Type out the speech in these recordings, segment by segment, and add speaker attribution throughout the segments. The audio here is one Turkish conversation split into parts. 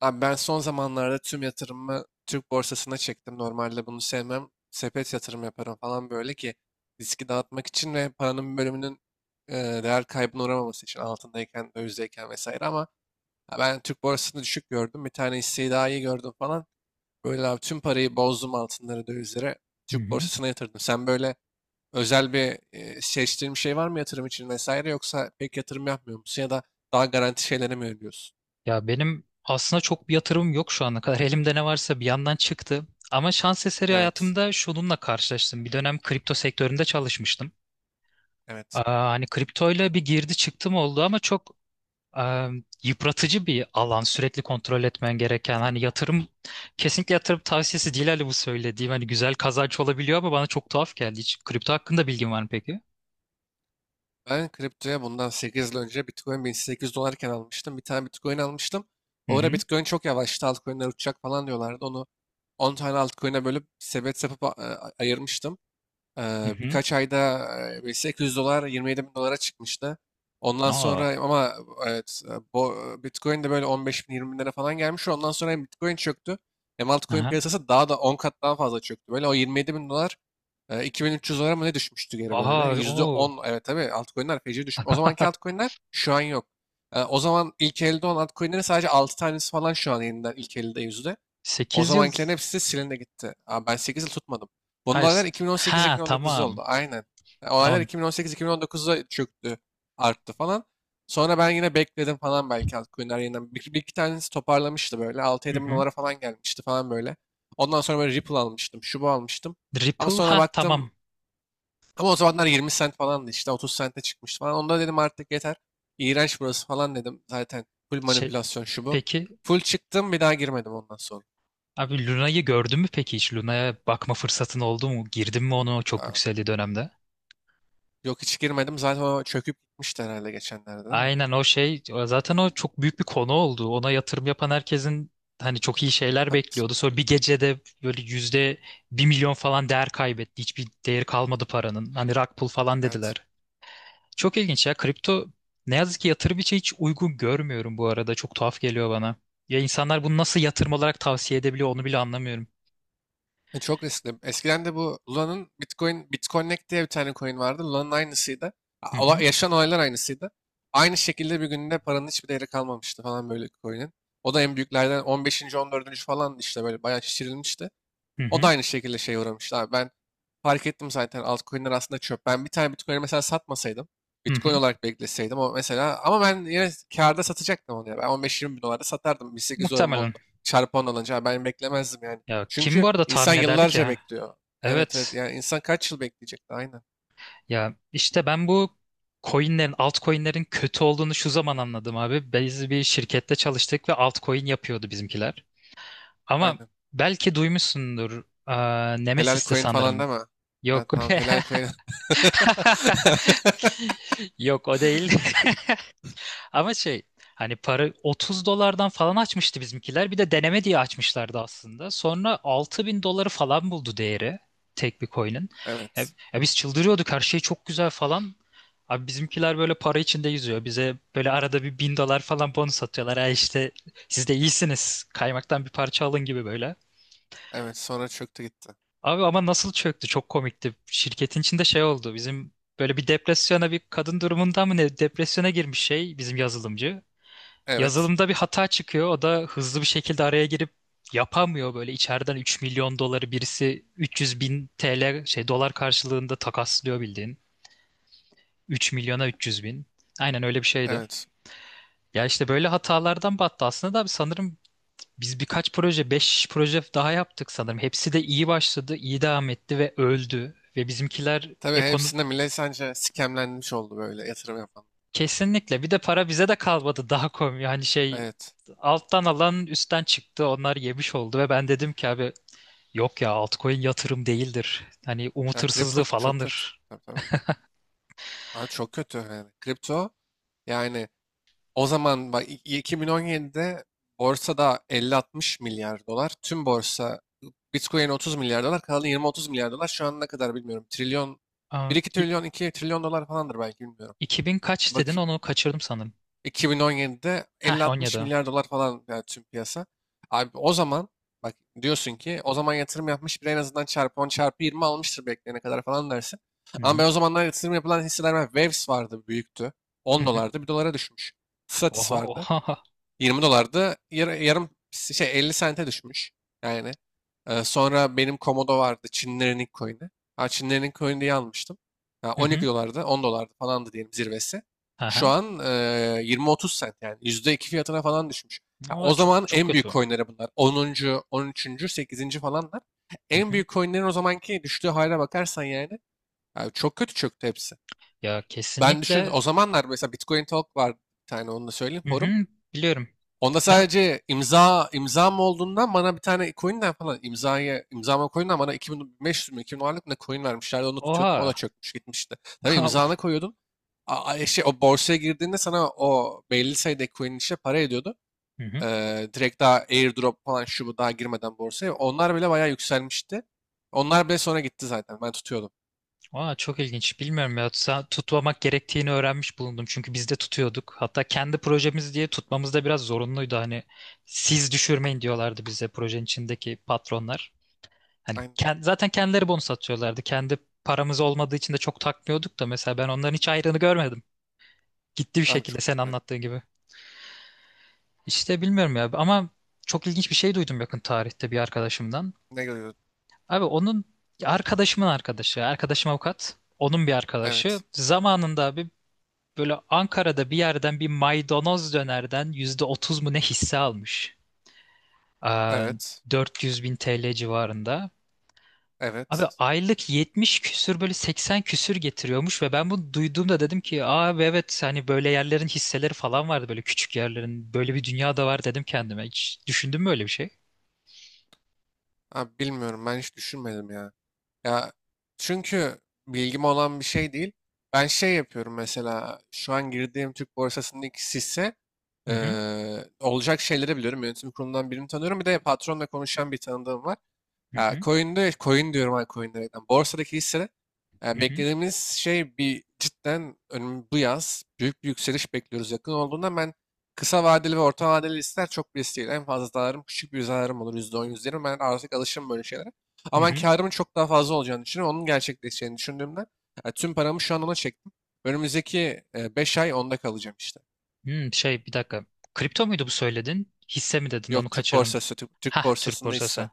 Speaker 1: Abi ben son zamanlarda tüm yatırımımı Türk borsasına çektim. Normalde bunu sevmem. Sepet yatırım yaparım falan böyle ki riski dağıtmak için ve paranın bir bölümünün e, değer kaybına uğramaması için altındayken, dövizdeyken vesaire. Ama ha, ben Türk borsasını düşük gördüm. Bir tane hisseyi daha iyi gördüm falan. Böyle abi tüm parayı bozdum altınlara, dövizlere.
Speaker 2: Hı
Speaker 1: Türk
Speaker 2: hı.
Speaker 1: borsasına yatırdım. Sen böyle özel bir seçtiğin bir şey var mı yatırım için vesaire, yoksa pek yatırım yapmıyor musun ya da daha garanti şeylere mi yöneliyorsun?
Speaker 2: Ya benim aslında çok bir yatırımım yok şu ana kadar. Elimde ne varsa bir yandan çıktı. Ama şans eseri
Speaker 1: Evet,
Speaker 2: hayatımda şununla karşılaştım. Bir dönem kripto sektöründe çalışmıştım.
Speaker 1: evet.
Speaker 2: Hani kriptoyla bir girdi çıktım oldu ama çok e, yıpratıcı bir alan. Sürekli kontrol etmen gereken. Hani yatırım kesinlikle yatırım tavsiyesi değil, hani bu söylediğim. Hani güzel kazanç olabiliyor ama bana çok tuhaf geldi. Hiç kripto hakkında bilgin var mı peki?
Speaker 1: Ben kriptoya bundan 8 yıl önce Bitcoin 1800 dolarken almıştım. Bir tane Bitcoin almıştım.
Speaker 2: Hı
Speaker 1: O ara
Speaker 2: hı.
Speaker 1: Bitcoin çok yavaştı. Altcoin'ler uçacak falan diyorlardı. Onu 10 tane altcoin'e bölüp sepet yapıp ayırmıştım.
Speaker 2: Hı
Speaker 1: Eee,
Speaker 2: hı.
Speaker 1: birkaç ayda 800 dolar 27 bin dolara çıkmıştı. Ondan
Speaker 2: Aa.
Speaker 1: sonra ama evet Bitcoin de böyle 15 bin 20 binlere falan gelmiş. Ondan sonra hem Bitcoin çöktü hem altcoin
Speaker 2: Aha.
Speaker 1: piyasası daha da 10 kat daha fazla çöktü. Böyle o 27 bin dolar 2300 dolara mı ne düşmüştü geri
Speaker 2: Aha.
Speaker 1: böyle.
Speaker 2: O
Speaker 1: %10, evet, tabii altcoinler feci düşmüş. O zamanki altcoinler şu an yok. O zaman ilk elde olan altcoinlerin sadece 6 tanesi falan şu an yeniden ilk elde yüzde. O
Speaker 2: 8 yıl.
Speaker 1: zamankilerin hepsi de silindi gitti. Abi ben 8 yıl tutmadım. Bu
Speaker 2: Hayır.
Speaker 1: olaylar
Speaker 2: Ha,
Speaker 1: 2018-2019'da
Speaker 2: tamam.
Speaker 1: oldu. Aynen. Yani olaylar
Speaker 2: Tamam.
Speaker 1: 2018-2019'da çöktü, arttı falan. Sonra ben yine bekledim falan, belki altcoin'ler yeniden. Bir iki tanesi toparlamıştı böyle.
Speaker 2: Hı
Speaker 1: 6-7 bin
Speaker 2: hı.
Speaker 1: dolara falan gelmişti falan böyle. Ondan sonra böyle Ripple almıştım. Şu bu almıştım. Ama
Speaker 2: Ripple,
Speaker 1: sonra
Speaker 2: ha tamam.
Speaker 1: baktım. Ama o zamanlar 20 cent falandı işte. 30 cent'e çıkmıştı falan. Onda dedim artık yeter. İğrenç burası falan dedim. Zaten full
Speaker 2: Şey
Speaker 1: manipülasyon şu bu.
Speaker 2: peki
Speaker 1: Full çıktım, bir daha girmedim ondan sonra.
Speaker 2: abi, Luna'yı gördün mü peki hiç? Luna'ya bakma fırsatın oldu mu? Girdin mi onu çok
Speaker 1: Aa,
Speaker 2: yükseldiği dönemde?
Speaker 1: yok, hiç girmedim. Zaten o çöküp gitmişti herhalde geçenlerde, değil mi?
Speaker 2: Aynen, o zaten o çok büyük bir konu oldu. Ona yatırım yapan herkesin, hani çok iyi şeyler
Speaker 1: Pat-
Speaker 2: bekliyordu. Sonra bir gecede böyle yüzde bir milyon falan değer kaybetti. Hiçbir değeri kalmadı paranın. Hani rug pull falan
Speaker 1: Evet.
Speaker 2: dediler. Çok ilginç ya. Kripto ne yazık ki yatırım için hiç uygun görmüyorum bu arada. Çok tuhaf geliyor bana. Ya insanlar bunu nasıl yatırım olarak tavsiye edebiliyor, onu bile anlamıyorum.
Speaker 1: Çok riskli. Eskiden de bu Luna'nın, Bitcoin, Bitconnect diye bir tane coin vardı. Luna'nın aynısıydı.
Speaker 2: Hı hı.
Speaker 1: Yaşanan olaylar aynısıydı. Aynı şekilde bir günde paranın hiçbir değeri kalmamıştı falan böyle coin'in. O da en büyüklerden 15. 14. falan işte böyle bayağı şişirilmişti.
Speaker 2: Hı
Speaker 1: O da
Speaker 2: hı.
Speaker 1: aynı şekilde şeye uğramıştı abi. Ben fark ettim zaten altcoin'ler aslında çöp. Ben bir tane Bitcoin'i mesela satmasaydım,
Speaker 2: Hı
Speaker 1: Bitcoin
Speaker 2: hı.
Speaker 1: olarak bekleseydim o mesela, ama ben yine kârda satacaktım onu ya. Ben 15-20 bin dolarda satardım. 1800 dolarım
Speaker 2: Muhtemelen.
Speaker 1: oldu. Çarpı 10 alınca, abi, ben beklemezdim yani.
Speaker 2: Ya kim
Speaker 1: Çünkü
Speaker 2: bu arada
Speaker 1: insan
Speaker 2: tahmin ederdi ki?
Speaker 1: yıllarca
Speaker 2: Ha?
Speaker 1: bekliyor. Evet, evet,
Speaker 2: Evet.
Speaker 1: yani insan kaç yıl bekleyecek? Aynen,
Speaker 2: Ya işte ben bu coinlerin, altcoinlerin kötü olduğunu şu zaman anladım abi. Biz bir şirkette çalıştık ve altcoin yapıyordu bizimkiler. Ama
Speaker 1: aynen.
Speaker 2: belki duymuşsundur.
Speaker 1: Helal
Speaker 2: Nemesis'ti
Speaker 1: coin falan
Speaker 2: sanırım.
Speaker 1: deme. Ha,
Speaker 2: Yok.
Speaker 1: tamam, helal coin.
Speaker 2: Yok, o değil. Ama şey, hani para 30 dolardan falan açmıştı bizimkiler. Bir de deneme diye açmışlardı aslında. Sonra 6.000 doları falan buldu değeri tek bir coin'in. Ya,
Speaker 1: Evet.
Speaker 2: ya, biz çıldırıyorduk, her şey çok güzel falan. Abi bizimkiler böyle para içinde yüzüyor. Bize böyle arada bir 1.000 dolar falan bonus atıyorlar. Ha işte, siz de iyisiniz. Kaymaktan bir parça alın gibi böyle.
Speaker 1: Evet, sonra çöktü gitti.
Speaker 2: Abi ama nasıl çöktü? Çok komikti. Şirketin içinde şey oldu. Bizim böyle bir depresyona, bir kadın durumunda mı ne, depresyona girmiş şey bizim yazılımcı.
Speaker 1: Evet.
Speaker 2: Yazılımda bir hata çıkıyor. O da hızlı bir şekilde araya girip yapamıyor, böyle içeriden 3.000.000 doları birisi 300.000 TL şey dolar karşılığında takaslıyor bildiğin. 3.000.000'a 300.000. Aynen öyle bir şeydi.
Speaker 1: Evet.
Speaker 2: Ya işte böyle hatalardan battı aslında da abi, sanırım biz birkaç proje, 5 proje daha yaptık sanırım. Hepsi de iyi başladı, iyi devam etti ve öldü. Ve bizimkiler
Speaker 1: Tabii
Speaker 2: ekonomi,
Speaker 1: hepsinde millet sence scamlenmiş oldu böyle yatırım yapan.
Speaker 2: kesinlikle bir de para bize de kalmadı, daha komik. Hani şey,
Speaker 1: Evet.
Speaker 2: alttan alan üstten çıktı. Onlar yemiş oldu ve ben dedim ki abi, yok ya, altcoin yatırım değildir. Hani umut
Speaker 1: Ya kripto
Speaker 2: hırsızlığı
Speaker 1: çok kötü.
Speaker 2: falandır.
Speaker 1: Tabii, tabii. Abi çok kötü yani. Kripto yani o zaman bak, 2017'de borsada 50-60 milyar dolar. Tüm borsa Bitcoin 30 milyar dolar. Kalan 20-30 milyar dolar. Şu an ne kadar bilmiyorum. Trilyon. Bir
Speaker 2: Aa,
Speaker 1: 2
Speaker 2: i-
Speaker 1: trilyon, iki trilyon dolar falandır belki, bilmiyorum.
Speaker 2: 2000 kaç
Speaker 1: Bak,
Speaker 2: dedin, onu kaçırdım sanırım.
Speaker 1: 2017'de
Speaker 2: Heh,
Speaker 1: 50-60
Speaker 2: 17.
Speaker 1: milyar dolar falan, yani tüm piyasa. Abi o zaman bak, diyorsun ki o zaman yatırım yapmış biri en azından çarpı 10 çarpı 20 almıştır bekleyene kadar falan dersin.
Speaker 2: Hı
Speaker 1: Ama
Speaker 2: hı.
Speaker 1: ben o zamanlar yatırım yapılan hisseler var. Waves vardı, büyüktü.
Speaker 2: Hı
Speaker 1: 10
Speaker 2: hı.
Speaker 1: dolardı, bir dolara düşmüş. Stratis
Speaker 2: Oha
Speaker 1: vardı.
Speaker 2: oha.
Speaker 1: 20 dolardı. Yarım şey, 50 sente düşmüş. Yani sonra benim Komodo vardı. Çinlerin ilk coin'i. Ha, Çinlerin ilk coin'i diye almıştım. Ha,
Speaker 2: Hı hı.
Speaker 1: 12 dolardı, 10 dolardı falandı diyelim zirvesi. Şu
Speaker 2: Aha.
Speaker 1: an 20-30 sent, yani %2 fiyatına falan düşmüş. Ha,
Speaker 2: Oha,
Speaker 1: o
Speaker 2: çok
Speaker 1: zaman
Speaker 2: çok
Speaker 1: en büyük
Speaker 2: kötü.
Speaker 1: coin'leri bunlar. 10. 13. 8. falanlar.
Speaker 2: Hı
Speaker 1: En
Speaker 2: hı.
Speaker 1: büyük coin'lerin o zamanki düştüğü hale bakarsan yani, yani çok kötü çöktü hepsi.
Speaker 2: Ya
Speaker 1: Ben düşün
Speaker 2: kesinlikle.
Speaker 1: o zamanlar mesela Bitcoin Talk vardı bir tane, onu da söyleyeyim,
Speaker 2: Hı
Speaker 1: forum.
Speaker 2: hı, biliyorum.
Speaker 1: Onda
Speaker 2: Ne?
Speaker 1: sadece imzam olduğundan bana bir tane coin'den falan imzama coin'den bana 2500 mü 2000 dolarlık ne coin vermişlerdi, onu tutuyordum, o da
Speaker 2: Oha.
Speaker 1: çökmüş gitmişti. Tabii imzana koyuyordun. Şey, o borsaya girdiğinde sana o belli sayıda coin işte para ediyordu.
Speaker 2: Hı hı.
Speaker 1: Direkt daha airdrop falan şu bu, daha girmeden borsaya. Onlar bile bayağı yükselmişti. Onlar bile sonra gitti zaten. Ben tutuyordum.
Speaker 2: Oha, çok ilginç. Bilmiyorum ya. Tutmamak gerektiğini öğrenmiş bulundum. Çünkü biz de tutuyorduk. Hatta kendi projemiz diye tutmamız da biraz zorunluydu. Hani siz düşürmeyin diyorlardı bize projenin içindeki patronlar. Hani
Speaker 1: Aynen.
Speaker 2: zaten kendileri bonus atıyorlardı. Kendi paramız olmadığı için de çok takmıyorduk da, mesela ben onların hiç ayrını görmedim. Gitti bir
Speaker 1: Abi
Speaker 2: şekilde
Speaker 1: çok.
Speaker 2: sen anlattığın gibi. İşte bilmiyorum ya ama çok ilginç bir şey duydum yakın tarihte bir arkadaşımdan.
Speaker 1: Ne görüyordum?
Speaker 2: Abi onun, arkadaşımın arkadaşı, arkadaşım avukat, onun bir arkadaşı.
Speaker 1: Evet.
Speaker 2: Zamanında abi böyle Ankara'da bir yerden bir maydanoz dönerden %30 mu ne hisse almış. Aa,
Speaker 1: Evet.
Speaker 2: 400.000 TL civarında. Abi
Speaker 1: Evet.
Speaker 2: aylık 70 küsür böyle 80 küsür getiriyormuş ve ben bunu duyduğumda dedim ki abi, evet hani böyle yerlerin hisseleri falan vardı, böyle küçük yerlerin, böyle bir dünya da var dedim kendime. Hiç düşündün mü öyle bir şey?
Speaker 1: Abi bilmiyorum, ben hiç düşünmedim ya. Ya çünkü bilgim olan bir şey değil. Ben şey yapıyorum mesela, şu an girdiğim Türk borsasındaki hisse
Speaker 2: Hı hı,
Speaker 1: olacak şeyleri biliyorum. Yönetim kurulundan birini tanıyorum. Bir de patronla konuşan bir tanıdığım var.
Speaker 2: hı
Speaker 1: Ya
Speaker 2: hı,
Speaker 1: coin'de coin diyorum, ha, coin demekten. Borsadaki hisse
Speaker 2: hı hı.
Speaker 1: beklediğimiz şey bir cidden bu yaz büyük bir yükseliş bekliyoruz. Yakın olduğundan ben kısa vadeli ve orta vadeli listeler çok risk değil. En fazla zararım, küçük bir zararım olur, %10, yüzde yirmi. Ben artık alışım böyle şeylere.
Speaker 2: Hı
Speaker 1: Ama ben
Speaker 2: hı.
Speaker 1: karımın çok daha fazla olacağını düşünüyorum. Onun gerçekleşeceğini düşündüğümden tüm paramı şu an ona çektim. Önümüzdeki 5 ay onda kalacağım işte.
Speaker 2: Hmm, bir dakika. Kripto muydu bu söyledin? Hisse mi dedin? Onu
Speaker 1: Yok, Türk
Speaker 2: kaçırdım.
Speaker 1: borsası, Türk
Speaker 2: Hah, Türk
Speaker 1: borsasında hisse.
Speaker 2: borsası.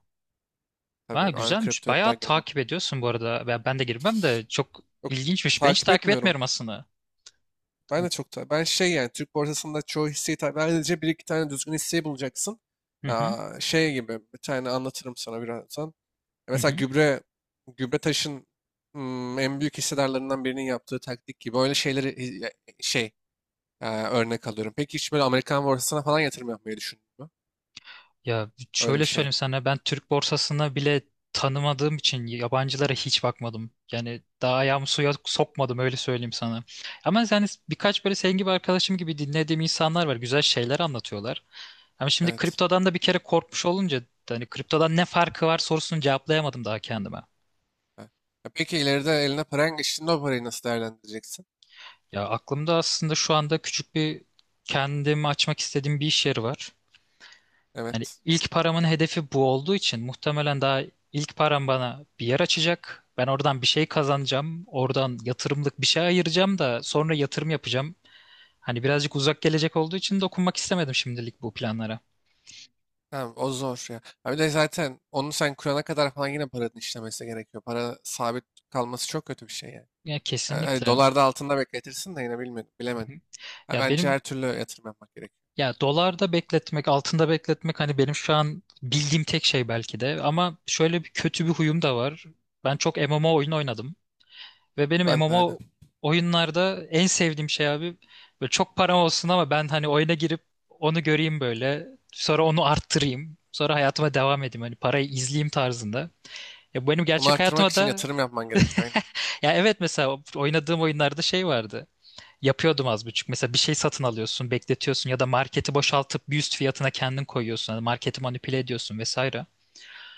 Speaker 2: Ha,
Speaker 1: Tabii ben
Speaker 2: güzelmiş.
Speaker 1: kriptoya bir daha
Speaker 2: Bayağı
Speaker 1: girmem.
Speaker 2: takip ediyorsun bu arada. Ben de girmem de çok
Speaker 1: Yok,
Speaker 2: ilginçmiş. Ben hiç
Speaker 1: takip
Speaker 2: takip
Speaker 1: etmiyorum.
Speaker 2: etmiyorum aslında.
Speaker 1: Ben de çok ben şey, yani Türk borsasında çoğu hisseyi, tabii, sadece bir iki tane düzgün hisseyi bulacaksın.
Speaker 2: Hı hı.
Speaker 1: Ya şey gibi bir tane anlatırım sana birazdan. Ya,
Speaker 2: Hı hı.
Speaker 1: mesela gübre taşın, en büyük hissedarlarından birinin yaptığı taktik gibi öyle şeyleri şey, örnek alıyorum. Peki hiç böyle Amerikan borsasına falan yatırım yapmayı düşündün mü?
Speaker 2: Ya
Speaker 1: Öyle bir
Speaker 2: şöyle
Speaker 1: şeye.
Speaker 2: söyleyeyim sana, ben Türk borsasını bile tanımadığım için yabancılara hiç bakmadım. Yani daha ayağımı suya sokmadım, öyle söyleyeyim sana. Ama yani birkaç böyle senin gibi arkadaşım gibi dinlediğim insanlar var. Güzel şeyler anlatıyorlar. Ama şimdi
Speaker 1: Evet.
Speaker 2: kriptodan da bir kere korkmuş olunca, hani kriptodan ne farkı var sorusunu cevaplayamadım daha kendime.
Speaker 1: Ha. Ya peki, ileride eline paran geçtiğinde o parayı nasıl değerlendireceksin?
Speaker 2: Ya aklımda aslında şu anda küçük bir, kendimi açmak istediğim bir iş yeri var. Yani
Speaker 1: Evet.
Speaker 2: ilk paramın hedefi bu olduğu için muhtemelen daha, ilk param bana bir yer açacak. Ben oradan bir şey kazanacağım. Oradan yatırımlık bir şey ayıracağım da sonra yatırım yapacağım. Hani birazcık uzak gelecek olduğu için dokunmak istemedim şimdilik bu planlara.
Speaker 1: Tamam, o zor ya. Ha, bir de zaten onu sen kurana kadar falan yine paranın işlemesi gerekiyor. Para sabit kalması çok kötü bir şey yani.
Speaker 2: Ya
Speaker 1: Yani hani
Speaker 2: kesinlikle.
Speaker 1: dolarda, altında bekletirsin de yine, bilmedim,
Speaker 2: Hı hı.
Speaker 1: bilemedim. Ha,
Speaker 2: Ya
Speaker 1: bence
Speaker 2: benim,
Speaker 1: her türlü yatırım yapmak gerekiyor.
Speaker 2: ya dolarda bekletmek, altında bekletmek, hani benim şu an bildiğim tek şey belki de. Ama şöyle bir kötü bir huyum da var. Ben çok MMO oyun oynadım. Ve benim
Speaker 1: Ben de aynen.
Speaker 2: MMO oyunlarda en sevdiğim şey abi, böyle çok param olsun ama ben hani oyuna girip onu göreyim böyle. Sonra onu arttırayım. Sonra hayatıma devam edeyim. Hani parayı izleyeyim tarzında. Ya bu benim
Speaker 1: Onu
Speaker 2: gerçek
Speaker 1: arttırmak
Speaker 2: hayatıma
Speaker 1: için
Speaker 2: da,
Speaker 1: yatırım yapman gerekiyor. Aynen.
Speaker 2: ya evet, mesela oynadığım oyunlarda şey vardı. Yapıyordum az buçuk. Mesela bir şey satın alıyorsun, bekletiyorsun, ya da marketi boşaltıp bir üst fiyatına kendin koyuyorsun. Hani marketi manipüle ediyorsun vesaire.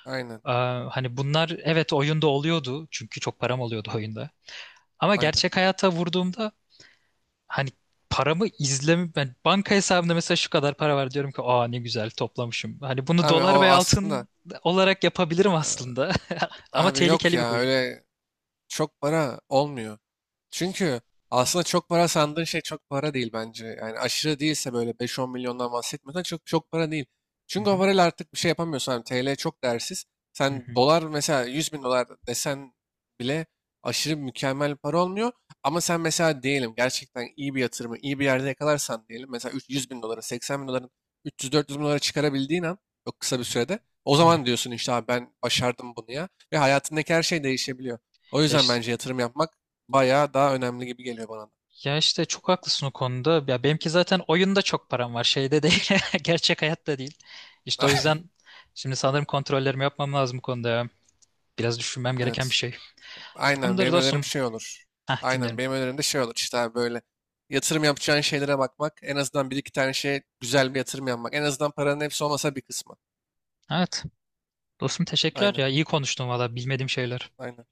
Speaker 1: Aynen.
Speaker 2: Ee, hani bunlar evet oyunda oluyordu. Çünkü çok param oluyordu oyunda. Ama
Speaker 1: Aynen.
Speaker 2: gerçek hayata vurduğumda, hani paramı izlemi, ben banka hesabımda mesela şu kadar para var diyorum ki, aa ne güzel toplamışım. Hani bunu
Speaker 1: Abi
Speaker 2: dolar
Speaker 1: o
Speaker 2: ve
Speaker 1: aslında
Speaker 2: altın olarak yapabilirim
Speaker 1: e,
Speaker 2: aslında. Ama
Speaker 1: abi yok
Speaker 2: tehlikeli bir
Speaker 1: ya,
Speaker 2: huy.
Speaker 1: öyle çok para olmuyor. Çünkü aslında çok para sandığın şey çok para değil bence. Yani aşırı değilse böyle 5-10 milyondan bahsetmiyorsan çok çok para değil.
Speaker 2: Hı
Speaker 1: Çünkü o
Speaker 2: hı,
Speaker 1: parayla artık bir şey yapamıyorsun. Hani TL çok değersiz.
Speaker 2: hı
Speaker 1: Sen
Speaker 2: hı,
Speaker 1: dolar, mesela 100 bin dolar desen bile aşırı mükemmel para olmuyor. Ama sen mesela diyelim gerçekten iyi bir yatırımı iyi bir yerde yakalarsan diyelim. Mesela 100 bin doları, 80 bin doların 300-400 bin dolara çıkarabildiğin an, çok kısa bir sürede. O
Speaker 2: hı hı.
Speaker 1: zaman diyorsun işte, abi ben başardım bunu ya. Ve hayatındaki her şey değişebiliyor. O
Speaker 2: Ya,
Speaker 1: yüzden
Speaker 2: iş-
Speaker 1: bence yatırım yapmak bayağı daha önemli gibi geliyor bana.
Speaker 2: ya, işte çok haklısın o konuda. Ya benimki zaten oyunda çok param var. Şeyde değil. Gerçek hayatta değil. İşte
Speaker 1: Da.
Speaker 2: o yüzden şimdi sanırım kontrollerimi yapmam lazım bu konuda. Ya. Biraz düşünmem gereken bir
Speaker 1: Evet.
Speaker 2: şey.
Speaker 1: Aynen,
Speaker 2: Tamamdır
Speaker 1: benim de önerim
Speaker 2: dostum.
Speaker 1: şey olur.
Speaker 2: Hah,
Speaker 1: Aynen,
Speaker 2: dinliyorum.
Speaker 1: benim önerim de şey olur işte abi, böyle yatırım yapacağın şeylere bakmak. En azından bir iki tane şeye güzel bir yatırım yapmak. En azından paranın hepsi olmasa bir kısmı.
Speaker 2: Evet. Dostum teşekkürler
Speaker 1: Aynen.
Speaker 2: ya. İyi konuştun valla, bilmediğim şeyler.
Speaker 1: Aynen.